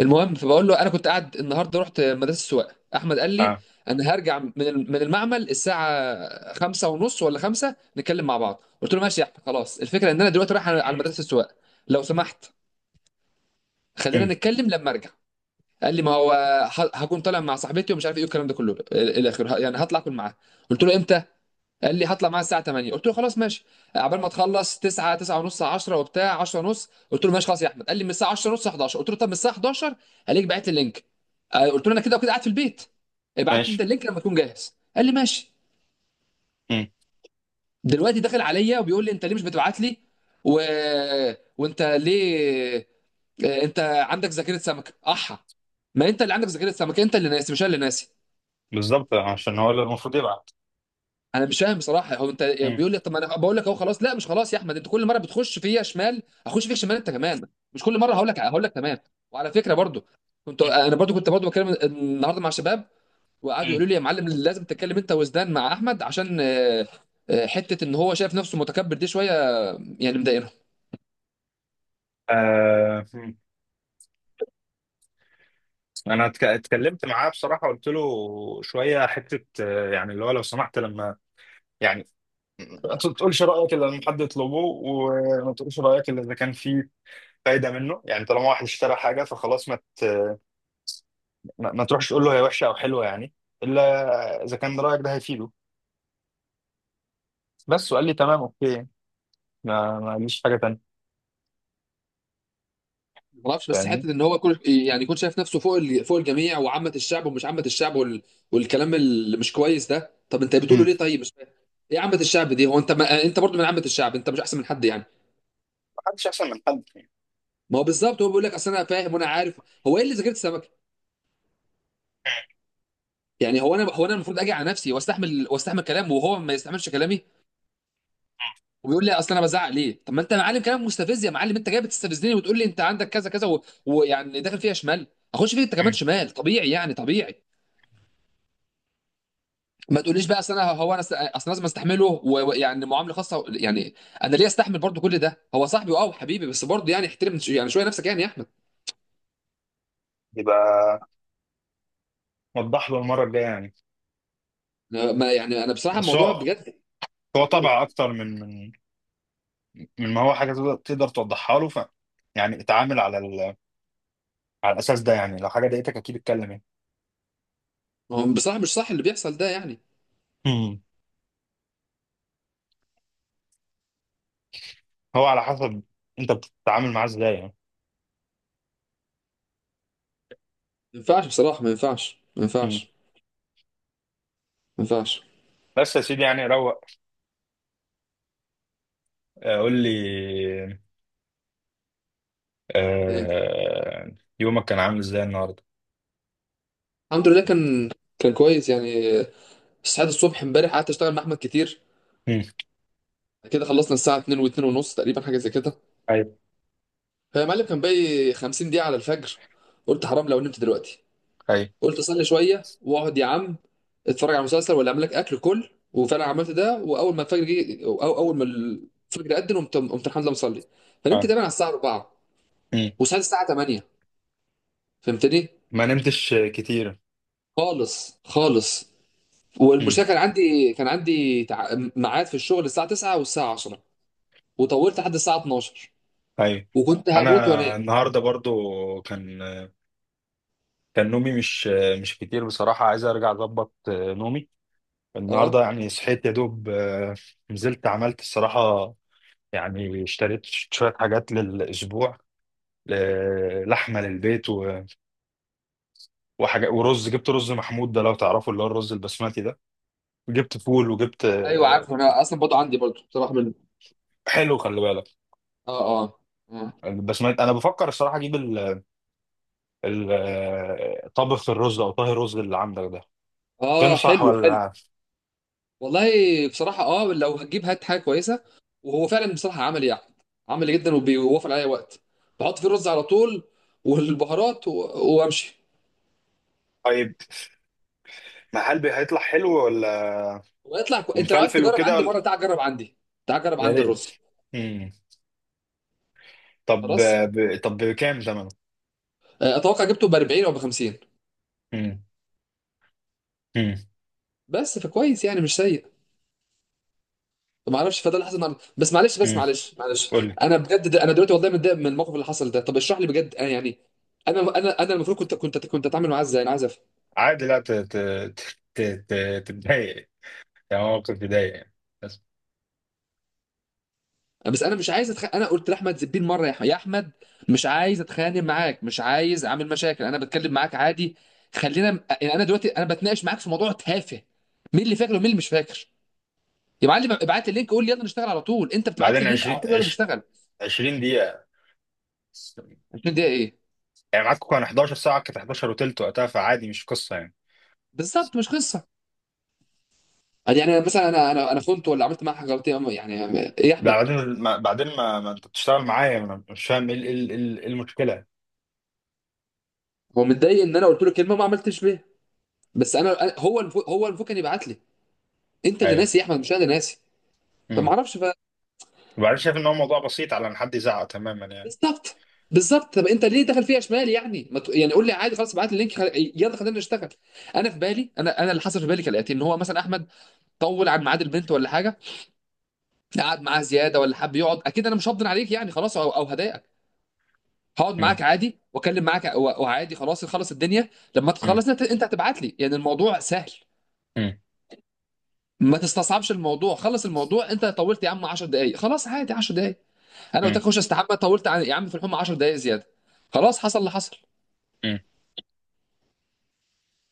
المهم فبقول له انا كنت قاعد النهارده، رحت مدرسه السواقه. احمد قال لي اه. انا هرجع من المعمل الساعه خمسة ونص ولا خمسة، نتكلم مع بعض. قلت له ماشي يا احمد، خلاص. الفكره ان انا دلوقتي رايح على مدرسه السواقه، لو سمحت خلينا مم. نتكلم لما ارجع. قال لي ما هو هكون طالع مع صاحبتي ومش عارف ايه والكلام ده كله الى اخره، يعني هطلع اكل معاها. قلت له امتى؟ قال لي هطلع معاه الساعه 8. قلت له خلاص ماشي، عبال ما تخلص 9، 9 ونص، 10 وبتاع. 10 ونص قلت له ماشي خلاص يا احمد. قال لي من الساعه 10 ونص 11. قلت له طب من الساعه 11 هلاقيك بعت لي اللينك. آه، قلت له انا كده وكده قاعد في البيت، ابعت لي انت ماشي. اللينك لما تكون جاهز. قال لي ماشي. مم. دلوقتي داخل عليا وبيقول لي انت ليه مش بتبعت لي؟ و... وانت ليه؟ آه، انت عندك ذاكره سمكه، احا. ما انت اللي عندك ذاكره سمكه، انت اللي ناسي مش انا اللي ناسي. بالظبط عشان هو اللي المفروض يبعت. انا مش فاهم بصراحه، هو انت مم. بيقول لي طب ما انا بقول لك اهو خلاص. لا مش خلاص يا احمد، انت كل مره بتخش فيا شمال، هخش فيك شمال انت كمان. مش كل مره هقول لك تمام. وعلى فكره برضو، كنت انا برضو بتكلم النهارده مع شباب، وقعدوا مم. يقولوا لي يا معلم لازم تتكلم انت وزدان مع احمد، عشان آه، آه، حته ان هو شايف نفسه متكبر دي شويه، يعني مضايقني. آه. مم. انا اتكلمت معاه بصراحه، قلت له شويه حته، يعني اللي هو لو سمحت، لما يعني ما تقولش رايك الا لما حد يطلبه، وما تقولش رايك الا اذا كان في فايده منه، يعني طالما واحد اشترى حاجه فخلاص، ما تروحش تقول له هي وحشه او حلوه يعني، الا اذا كان رايك ده هيفيده. بس، وقال لي تمام اوكي، ما قاليش حاجه تانيه. ما اعرفش، بس حته فاهمني. ان هو كل يعني يكون شايف نفسه فوق فوق الجميع، وعامه الشعب ومش عامه الشعب والكلام اللي مش كويس ده. طب انت بتقوله مم. ليه؟ طيب مش فاهم ايه عامه الشعب دي؟ هو انت ما... انت برضه من عامه الشعب، انت مش احسن من حد يعني. ما حدش احسن من حد يعني. ما هو بالظبط، هو بيقول لك اصل انا فاهم وانا عارف. هو ايه اللي ذاكرت السمكه؟ يعني هو انا، هو انا المفروض اجي على نفسي واستحمل، واستحمل كلامه وهو ما يستحملش كلامي؟ وبيقول لي اصل انا بزعق ليه. طب ما انت يا معلم كلام مستفز، يا معلم انت جاي بتستفزني وتقول لي انت عندك كذا كذا ويعني داخل فيها شمال، اخش فيك انت كمان مم. شمال طبيعي يعني، طبيعي. ما تقوليش بقى اصل انا، هو انا اصل لازم استحمله ويعني معامله خاصه يعني. انا ليه استحمل برضو كل ده؟ هو صاحبي اه وحبيبي، بس برضو يعني احترم يعني شويه نفسك يعني يا احمد. يبقى وضح له المره الجايه يعني. ما يعني انا بصراحه بس الموضوع هو بجد، هو طبع اكتر من ما هو حاجه تقدر توضحها له، يعني اتعامل على على الاساس ده، يعني لو حاجه ضايقتك اكيد اتكلم يعني. هو بصراحه مش صح اللي بيحصل ده يعني. مم. هو على حسب انت بتتعامل معاه ازاي يعني. ما ينفعش بصراحه، مم. ما ينفعش. بس يا سيدي يعني روق. قول لي. إيه. آه، يومك كان عامل ازاي النهارده؟ الحمد لله، كان كويس يعني. صحيت الصبح امبارح، قعدت اشتغل مع احمد كتير مم. كده. خلصنا الساعه 2 و2 ونص تقريبا، حاجه زي كده. ايوه. هي يا معلم كان باقي 50 دقيقه على الفجر. قلت حرام لو نمت دلوقتي، ايوه. قلت اصلي شويه واقعد يا عم اتفرج على مسلسل ولا اعمل لك اكل كل. وفعلا عملت ده، واول ما الفجر جه، او أو اول ما الفجر اذن، قمت الحمد لله مصلي. فنمت اه. تقريبا على الساعه 4، مم. وصحيت الساعه 8. فهمتني؟ ما نمتش كتير. خالص خالص. مم. والمشكله كان عندي ميعاد في الشغل الساعه 9 والساعه 10، وطولت لحد الساعه 12 ايوه. وكنت انا هموت وانام. النهارده برضو كان نومي مش كتير بصراحة، عايز أرجع أظبط نومي. النهاردة اه. يعني صحيت يا دوب، نزلت عملت الصراحة، يعني اشتريت شوية حاجات للأسبوع، لحمة للبيت وحاجة ورز، جبت رز محمود ده لو تعرفه اللي هو الرز البسمتي ده، جبت فول وجبت، ايوه عارف، انا اصلا برضه عندي برضه بصراحه من حلو خلي بالك. اه اه. اه. البسمتي أنا بفكر الصراحة أجيب طبخ الرز أو طهي الرز اللي عندك ده، آه، تنصح حلو حلو. ولا؟ والله بصراحة اه، لو هتجيب هات حاجة كويسة. وهو فعلا بصراحة عملي يعني، عملي جدا وبيوفر عليا وقت. بحط فيه الرز على طول والبهارات وامشي. طيب، ما هل هيطلع حلو ولا ويطلع انت لو عايز ومفلفل تجرب عندي وكده؟ مرة تعال جرب عندي، تعال جرب يا عندي ريت. الرز. مم. طب، خلاص. طب بكام زمنه؟ آه، اتوقع جبته ب 40 او ب 50. مم. مم. بس فكويس يعني، مش سيء. ما اعرفش، فده اللي حصل النهارده. بس معلش، مم. معلش. قول لي. انا بجد ده، انا دلوقتي والله متضايق من الموقف اللي حصل ده. طب اشرح لي بجد، انا يعني انا المفروض كنت اتعامل معاه ازاي؟ انا عايز. عادي، لا ت... ت... ت... ت... تتضايق، يعني موقف يضايق يعني، بس. بس انا مش عايز انا قلت لاحمد زبير مره يا يا احمد، مش عايز اتخانق معاك، مش عايز اعمل مشاكل، انا بتكلم معاك عادي. خلينا يعني، انا دلوقتي انا بتناقش معاك في موضوع تافه، مين اللي فاكر ومين اللي مش فاكر. يا معلم ابعت لي اللينك، قول لي يلا نشتغل على طول، انت بتبعت لي بعدين اللينك على 20 طول يلا نشتغل. 20 دقيقة، 20 دقيقه ايه؟ يعني معاكم كان 11، ساعة كانت 11 وتلت وقتها، فعادي مش قصة يعني. بالظبط مش قصه. يعني انا مثلا، انا خنت ولا عملت معاه حاجه غلط يعني؟ يعني ايه يا لا، احمد؟ بعدين ما بعدين ما, ما انت بتشتغل معايا، ما انا مش فاهم ايه ال- إيه ال- إيه ال- إيه المشكله. هو متضايق ان انا قلت له كلمه ما عملتش بيها، بس انا هو المفروض كان يبعت لي. انت اللي ايوه. ناسي يا احمد مش انا اللي ناسي. فما امم. اعرفش. وبعدين شايف ان هو موضوع بسيط على ان حد يزعق تماما يعني. بالظبط، بالظبط. طب انت ليه دخل فيها شمال يعني؟ ما ت... يعني قول لي عادي خلاص، ابعت لي اللينك يلا خلينا نشتغل. انا في بالي، انا انا اللي حصل في بالي كالاتي: ان هو مثلا احمد طول عن ميعاد البنت ولا حاجه، قعد معاها زياده ولا حب يقعد، اكيد انا مش هفضل عليك يعني، خلاص او هضايقك. هقعد امم. معاك عادي واكلم معاك وعادي، خلاص نخلص الدنيا. لما تخلص انت، هتبعت لي يعني الموضوع سهل. امم. ما تستصعبش الموضوع، خلص الموضوع. انت طولت يا عم 10 دقائق، خلاص عادي 10 دقائق. انا قلت لك خش استحمى، طولت عن- يا عم في الحمى 10 دقائق زياده، خلاص حصل اللي حصل. امم.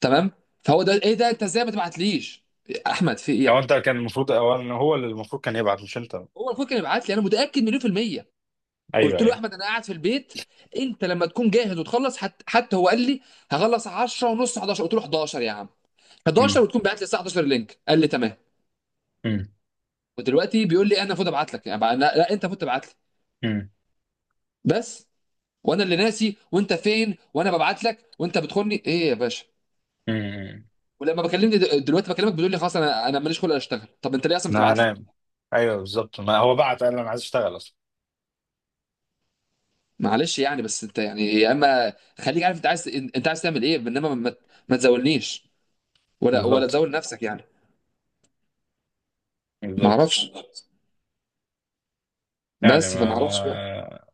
تمام. فهو ده ايه؟ ده انت ازاي ما تبعتليش؟ احمد في ايه يا لو أحمد؟ انت كان المفروض اولا هو اللي المفروض كان يبعت مش انت. هو المفروض كان يبعت لي، انا متاكد مليون في الميه. ايوه. قلت له ايوه. احمد انا قاعد في البيت، انت لما تكون جاهز وتخلص، حتى هو قال لي هخلص 10 ونص 11. قلت له 11 يا عم، 11 امم. وتكون بعت لي الساعه 11 اللينك. قال لي تمام. امم. ودلوقتي بيقول لي انا المفروض ابعت لك. يعني لا, لا انت المفروض تبعت لي. امم. بس. وانا اللي ناسي وانت فين، وانا ببعت لك وانت بتخوني ايه يا باشا؟ امم. ولما بكلمني دلوقتي بكلمك، بتقول لي خلاص انا، انا ماليش خلق اشتغل. طب انت ليه اصلا انا بتبعت لي؟ هنام. ايوه بالظبط، ما هو بعت قال انا عايز اشتغل اصلا. معلش يعني، بس انت يعني يا اما خليك عارف انت عايز، انت عايز تعمل ايه. انما ما تزولنيش، ولا بالظبط. تزول نفسك يعني. ما بالظبط. اعرفش، يعني بس فما اعرفش بقى. ما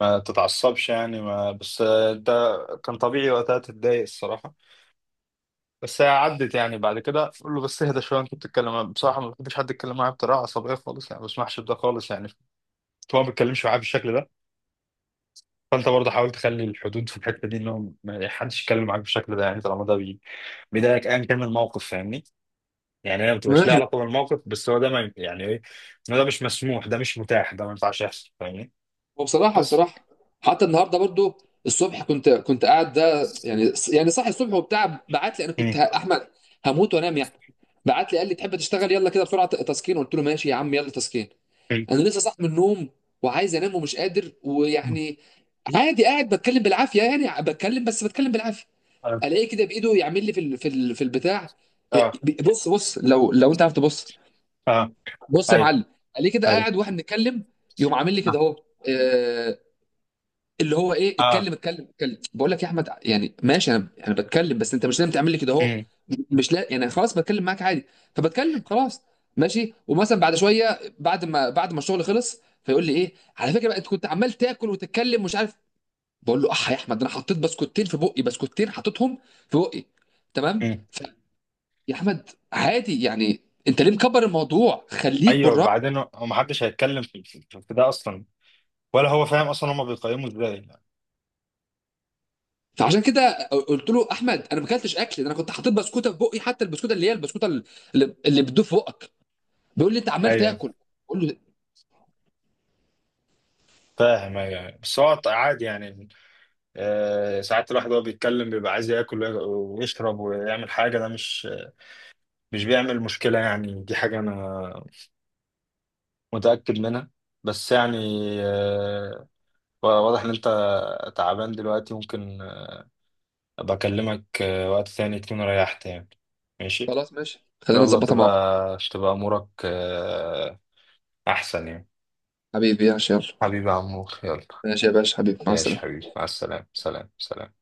ما تتعصبش يعني، ما بس انت كان طبيعي وقتها تتضايق الصراحه، بس هي عدت يعني، بعد كده قول له بس اهدى شويه، انت بتتكلم، أنا بصراحه ما بحبش حد يتكلم معايا بطريقه عصبيه خالص يعني، ما بسمحش بده خالص يعني، هو ما بيتكلمش معايا بالشكل ده، فانت برضه حاول تخلي الحدود في الحته دي، انهم ما حدش يتكلم معاك بالشكل ده، يعني طالما ده بيضايقك، ايا كان من الموقف، فاهمني. يعني هي ما بتبقاش ليها ماشي. علاقه بالموقف، بس هو ده، ما يعني ايه، إن ده مش مسموح، ده مش متاح، ده ما ينفعش يحصل، فاهمني. وبصراحه، بس. بصراحه حتى النهارده برضو الصبح، كنت قاعد ده يعني، يعني صاحي الصبح وبتاع. بعت لي انا، كنت مم. احمد هموت وانام يعني. بعت لي قال لي تحب تشتغل؟ يلا كده بسرعه تسكين. قلت له ماشي يا عم يلا تسكين. مم. انا لسه صاحي من النوم وعايز انام ومش قادر مم. ويعني. عادي، قاعد بتكلم بالعافيه يعني، بتكلم بس بتكلم بالعافيه. اه. الاقيه كده بايده يعمل لي في في البتاع. إيه، اه. بص بص لو انت عارف تبص، اه. بص يا ايوه. معلم. الاقيه كده ايوه. قاعد واحنا بنتكلم، يقوم عامل لي اه. كده اهو. إيه، اللي هو ايه؟ آه. اتكلم اتكلم اتكلم، بقول لك يا احمد يعني ماشي انا، انا بتكلم بس انت مش لازم تعمل لي كده اهو. مم. مش لا يعني خلاص، بتكلم معاك عادي. فبتكلم خلاص ماشي. ومثلا بعد شويه، بعد ما الشغل خلص، فيقول لي ايه على فكره بقى، انت كنت عمال تاكل وتتكلم، مش عارف. بقول له اح يا احمد، انا حطيت بسكوتين في بقي، بسكوتين حطيتهم في بقي. تمام مم. يا احمد عادي يعني، انت ليه مكبر الموضوع؟ خليك ايوه. بالراحه. بعدين هو ما حدش هيتكلم في ده اصلا، ولا هو فاهم اصلا، هما بيقيموا ازاي؟ فعشان كده قلت له احمد، انا ما اكلتش اكل ده، انا كنت حاطط بسكوته في بقي، حتى البسكوته اللي هي البسكوته اللي اللي بتدوب في بقك. بيقول لي انت عمال ايوه تاكل، بقول له فاهم. ايوه بس هو عادي يعني، ساعات الواحد وهو بيتكلم بيبقى عايز ياكل ويشرب ويعمل حاجة، ده مش بيعمل مشكلة يعني، دي حاجة أنا متأكد منها، بس يعني، آه، واضح إن أنت تعبان دلوقتي، ممكن أبقى أكلمك وقت ثاني تكون ريحت يعني. ماشي إن خلاص ماشي، شاء خلينا الله، نظبطها مع بعض. تبقى أمورك أحسن يعني. حبيبي يا يلا. حبيبي يا عمور يلا. ماشي يا باشا حبيبي، مع ماشي السلامه حبيبي، مع السلامة. سلام سلام.